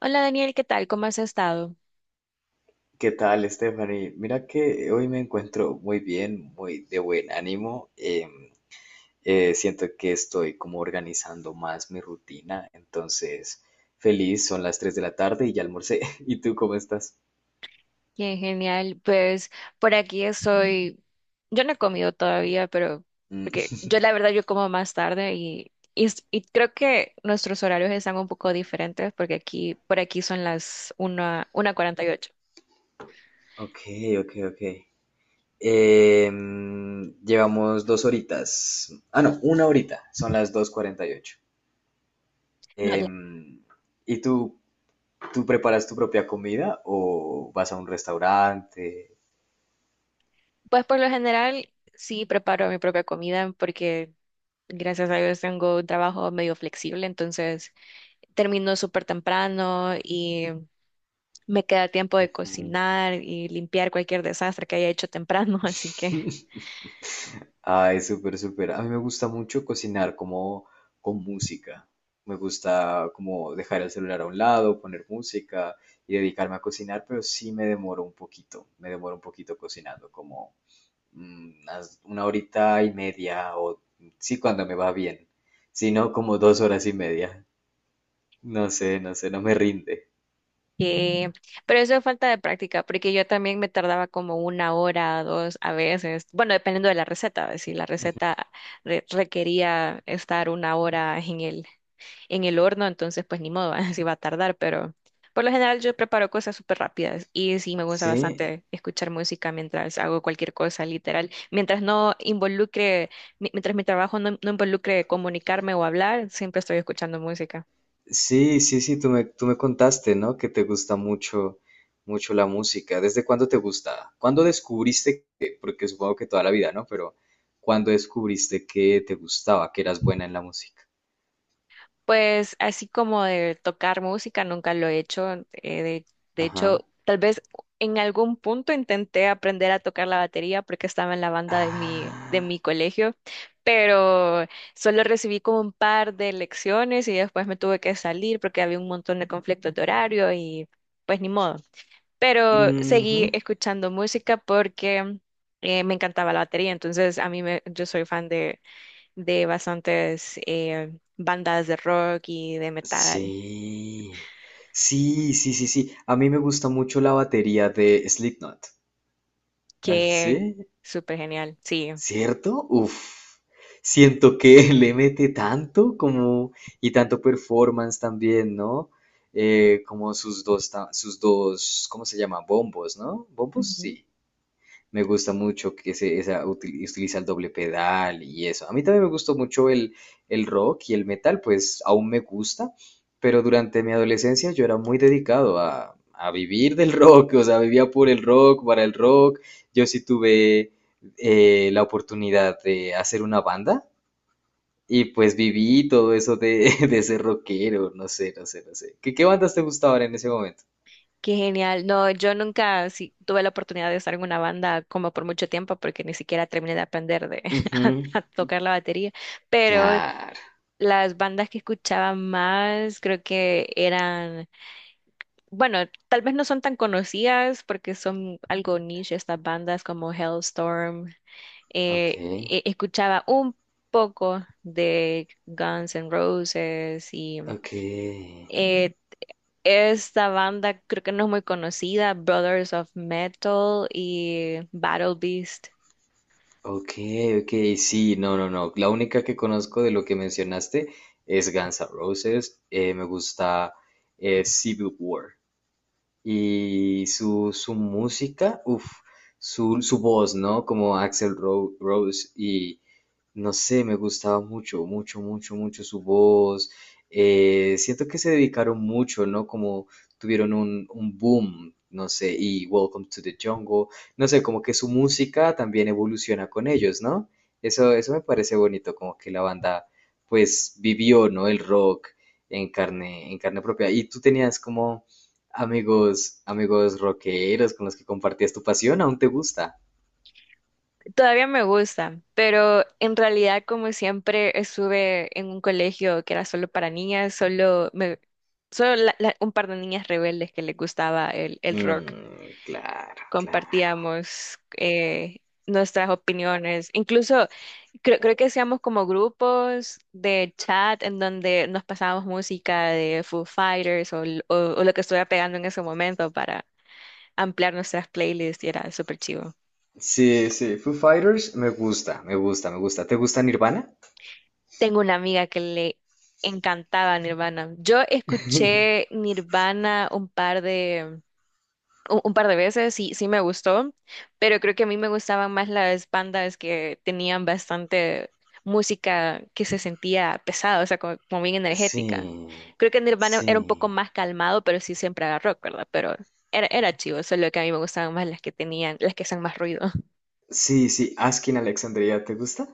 Hola Daniel, ¿qué tal? ¿Cómo has estado? ¿Qué tal, Stephanie? Mira que hoy me encuentro muy bien, muy de buen ánimo. Siento que estoy como organizando más mi rutina, entonces feliz, son las 3 de la tarde y ya almorcé. ¿Y tú cómo estás? Bien, genial. Pues por aquí estoy. Yo no he comido todavía, pero Mm, porque yo la verdad yo como más tarde y creo que nuestros horarios están un poco diferentes porque aquí por aquí son las 1, 1:48. ok, ok. Llevamos dos horitas. Ah, no, una horita, son las 2:48. No, la- Em, ¿Y tú preparas tu propia comida o vas a un restaurante? pues por lo general sí preparo mi propia comida porque gracias a Dios tengo un trabajo medio flexible, entonces termino súper temprano. Me queda tiempo de Mm. cocinar y limpiar cualquier desastre que haya hecho temprano, así que... Ay, súper, súper. A mí me gusta mucho cocinar como con música. Me gusta como dejar el celular a un lado, poner música y dedicarme a cocinar, pero sí me demoro un poquito. Me demoro un poquito cocinando, como una horita y media o sí cuando me va bien. Si no, como dos horas y media. No sé, no sé, no me rinde. que- pero eso es falta de práctica, porque yo también me tardaba como una hora, dos a veces, bueno, dependiendo de la receta, ¿ves? Si la receta requería estar una hora en el horno, entonces pues ni modo, así va a tardar, pero por lo general yo preparo cosas súper rápidas y sí me gusta Sí, bastante escuchar música mientras hago cualquier cosa, literal, mientras no involucre, mientras mi trabajo no involucre comunicarme o hablar, siempre estoy escuchando música. sí, sí, sí, tú me contaste, ¿no? Que te gusta mucho, mucho la música. ¿Desde cuándo te gusta? ¿Cuándo descubriste que, porque supongo que toda la vida, ¿no? Pero ¿cuándo descubriste que te gustaba, que eras buena en la música? Pues así como de tocar música, nunca lo he hecho. De hecho, Ajá. tal vez en algún punto intenté aprender a tocar la batería porque estaba en la banda de mi, de Ah, mi colegio, pero solo recibí como un par de lecciones y después me tuve que salir porque había un montón de conflictos de horario y pues ni modo. Pero seguí ujú. escuchando música porque me encantaba la batería, entonces yo soy fan de bastantes bandas de rock y de metal. Sí. Sí, sí, sí, sí. A mí me gusta mucho la batería de Slipknot. ¿Ah, sí? Qué súper genial, sí. ¿Cierto? Uf, siento que le mete tanto como y tanto performance también, ¿no? Como sus dos, sus dos, ¿cómo se llama? Bombos, ¿no? ¿Bombos? Ujú. Sí. Me gusta mucho que se, esa, utiliza el doble pedal y eso. A mí también me gustó mucho el rock y el metal, pues aún me gusta, pero durante mi adolescencia yo era muy dedicado a vivir del rock, o sea, vivía por el rock, para el rock. Yo sí tuve la oportunidad de hacer una banda y pues viví todo eso de, de ser rockero, no sé, no sé, no sé. ¿Qué, qué bandas te gustaban en ese momento? Qué genial. No, yo nunca, sí, tuve la oportunidad de estar en una banda como por mucho tiempo porque ni siquiera terminé de aprender Ujú, a tocar la batería, pero claro, las bandas que escuchaba más creo que eran, bueno, tal vez no son tan conocidas porque son algo niche, estas bandas como Hellstorm. ok, Escuchaba un poco de Guns N' Roses y ok. eh, esta banda creo que no es muy conocida, Brothers of Metal y Battle Beast. Ok, ok, sí, no, no, no. La única que conozco de lo que mencionaste es Guns N' Roses. Me gusta, Civil War. Y su música, uff, su voz, ¿no? Como Axel Rose y no sé, me gustaba mucho, mucho, mucho, mucho su voz. Siento que se dedicaron mucho, ¿no? Como tuvieron un boom, no sé, y Welcome to the Jungle, no sé, como que su música también evoluciona con ellos, ¿no? Eso me parece bonito, como que la banda, pues, vivió, ¿no? El rock en carne propia. Y tú tenías como amigos, amigos rockeros con los que compartías tu pasión, ¿aún te gusta? Todavía me gusta, pero en realidad como siempre estuve en un colegio que era solo para niñas, solo me, solo la- la- un par de niñas rebeldes que les gustaba el rock. Mm, claro, claro. Compartíamos nuestras opiniones. Incluso creo que hacíamos como grupos de chat en donde nos pasábamos música de Foo Fighters o lo que estuviera pegando en ese momento para ampliar nuestras playlists y era súper chivo. Sí, sí, Foo Fighters me gusta, me gusta, me gusta. ¿Te gusta Nirvana? Tengo una amiga que le encantaba Nirvana. Yo escuché Nirvana un par de... un par de veces, sí, sí me gustó, pero creo que a mí me gustaban más las bandas que tenían bastante música que se sentía pesada, o sea, como, como bien Sí, energética. Creo que Nirvana sí, era un poco más calmado, pero sí, siempre era rock, ¿verdad? Pero era, era chivo, solo que a mí me gustaban más las que tenían, las que hacían más ruido. sí, sí. Askin Alexandria, ¿te gusta?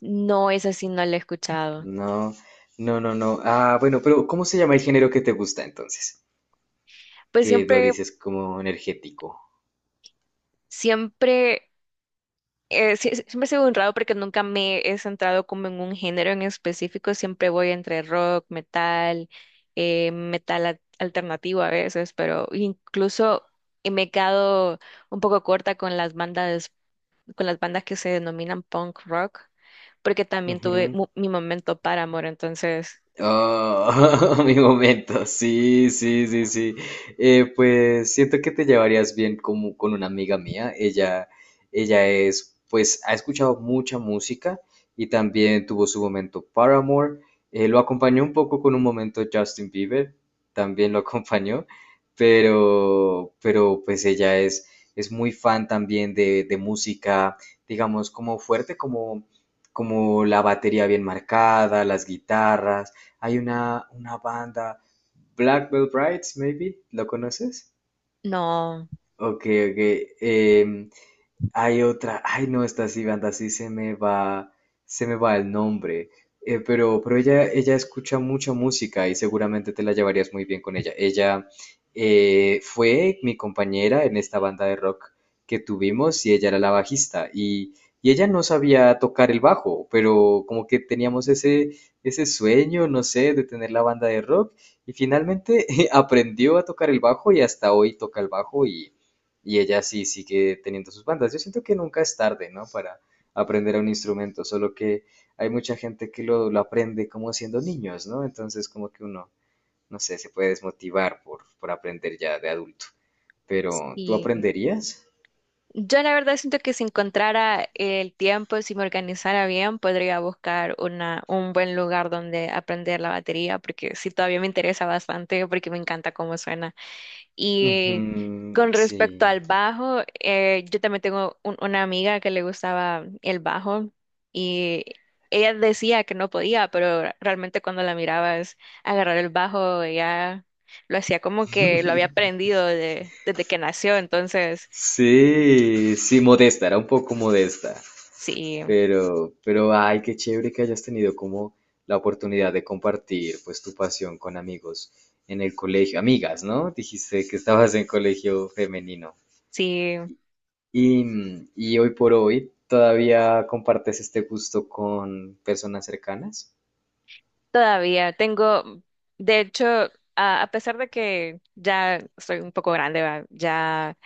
No, esa sí no la he escuchado. No, no, no, no. Ah, bueno, pero ¿cómo se llama el género que te gusta entonces? Pues Que lo siempre, dices como energético. siempre. Siempre he sido un raro porque nunca me he centrado como en un género en específico, siempre voy entre rock, metal, metal alternativo a veces, pero incluso me he quedado un poco corta con las bandas que se denominan punk rock, porque también tuve mi momento Paramore, entonces Oh, mi momento, sí, sí, sí, sí. Pues siento que te llevarías bien como con una amiga mía. Ella es, pues, ha escuchado mucha música y también tuvo su momento Paramore. Lo acompañó un poco con un momento Justin Bieber, también lo acompañó, pero pues ella es muy fan también de música, digamos, como fuerte, como, como la batería bien marcada, las guitarras. Hay una banda, Black Veil Brides, maybe, ¿lo conoces? no, Ok, ok. Hay otra, ay no, esta sí, banda, sí se me va el nombre. Pero ella escucha mucha música y seguramente te la llevarías muy bien con ella. Ella, fue mi compañera en esta banda de rock que tuvimos y ella era la bajista y ella no sabía tocar el bajo, pero como que teníamos ese, ese sueño, no sé, de tener la banda de rock y finalmente aprendió a tocar el bajo y hasta hoy toca el bajo y ella sí sigue teniendo sus bandas. Yo siento que nunca es tarde, ¿no? Para aprender un instrumento, solo que hay mucha gente que lo aprende como siendo niños, ¿no? Entonces como que uno, no sé, se puede desmotivar por aprender ya de adulto. Pero, ¿tú sí. aprenderías? Yo la verdad siento que si encontrara el tiempo, si me organizara bien, podría buscar un buen lugar donde aprender la batería, porque sí, todavía me interesa bastante, porque me encanta cómo suena. Ujú, Y con sí. respecto al bajo, yo también tengo una amiga que le gustaba el bajo y ella decía que no podía, pero realmente cuando la mirabas agarrar el bajo, ella lo hacía como que lo había aprendido desde que nació, entonces... Sí, sí, modesta, era un poco modesta. Sí, Pero, ay, qué chévere que hayas tenido como la oportunidad de compartir pues tu pasión con amigos en el colegio, amigas, ¿no? Dijiste que estabas en colegio femenino. sí, Y, mm, y hoy por hoy, ¿todavía compartes este gusto con personas cercanas? todavía tengo, de hecho, a pesar de que ya soy un poco grande, ¿va? Ya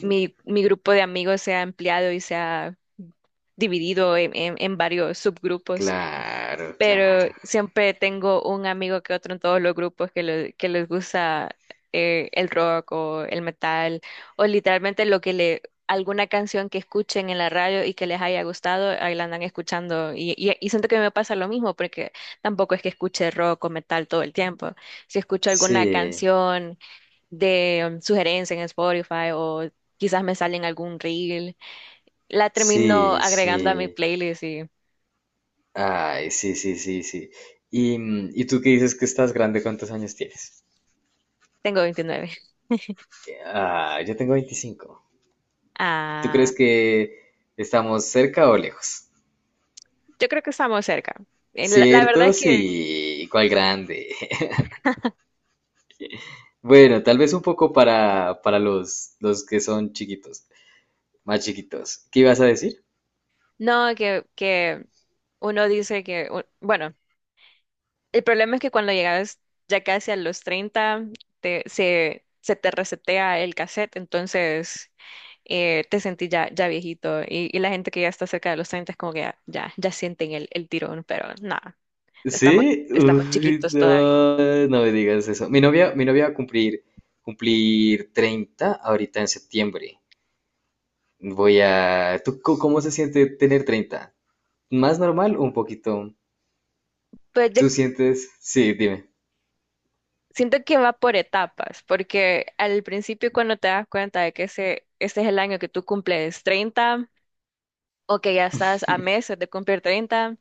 mi grupo de amigos se ha ampliado y se ha dividido en, en varios subgrupos. Claro, Pero claro. siempre tengo un amigo que otro en todos los grupos que, que les gusta el rock o el metal o literalmente lo que le, alguna canción que escuchen en la radio y que les haya gustado, ahí la andan escuchando y siento que me pasa lo mismo porque tampoco es que escuche rock o metal todo el tiempo. Si escucho alguna Sí, canción de sugerencia en Spotify o quizás me sale en algún reel, la termino sí, agregando a mi sí. playlist y Ay, sí, sí, sí, sí. Y, mm, ¿y tú qué dices que estás grande? ¿Cuántos años tienes? tengo 29. Ah, yo tengo 25. ¿Tú crees que estamos cerca o lejos? Yo creo que estamos cerca. La verdad ¿Cierto? es que Sí, cuál grande. Bueno, tal vez un poco para los que son chiquitos, más chiquitos. ¿Qué ibas a decir? no, que uno dice que, bueno, el problema es que cuando llegas ya casi a los 30 se te resetea el cassette, entonces te sentís ya, ya viejito. Y la gente que ya está cerca de los 30 es como que ya, ya, ya sienten el tirón, pero nada, estamos, Sí, estamos uy, chiquitos todavía. no, no me digas eso. Mi novia va a cumplir 30 ahorita en septiembre. Voy a... ¿Tú cómo se siente tener 30? ¿Más normal o un poquito? Pues yo ¿Tú sientes? Sí, dime. siento que va por etapas, porque al principio cuando te das cuenta de que ese es el año que tú cumples 30 o que ya estás a meses de cumplir 30,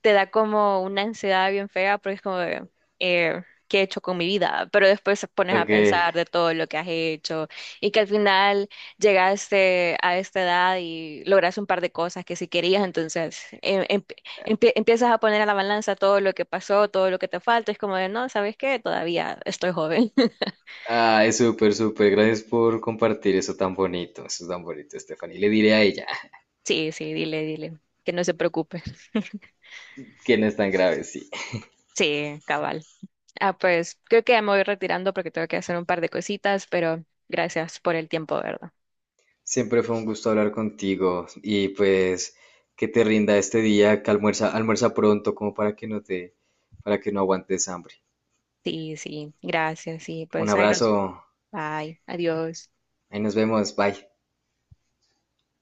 te da como una ansiedad bien fea porque es como, de, eh, ¿qué he hecho con mi vida? Pero después te pones a Ok. pensar de todo lo que has hecho y que al final llegaste a esta edad y lograste un par de cosas que sí querías, entonces empiezas a poner a la balanza todo lo que pasó, todo lo que te falta, es como de, no, ¿sabes qué? Todavía estoy joven. Ay, súper, súper. Gracias por compartir eso tan bonito. Eso es tan bonito, Stephanie. Le diré a ella Sí, sí, dile, dile, que no se preocupe. que no es tan grave, sí. Sí, cabal. Ah, pues creo que ya me voy retirando porque tengo que hacer un par de cositas, pero gracias por el tiempo, ¿verdad? Siempre fue un gusto hablar contigo y pues que te rinda este día, que almuerza, almuerza pronto como para que no te, para que no aguantes hambre. Sí, sí, gracias, sí, Un pues ahí nos, abrazo. bye, adiós. Ahí nos vemos. Bye.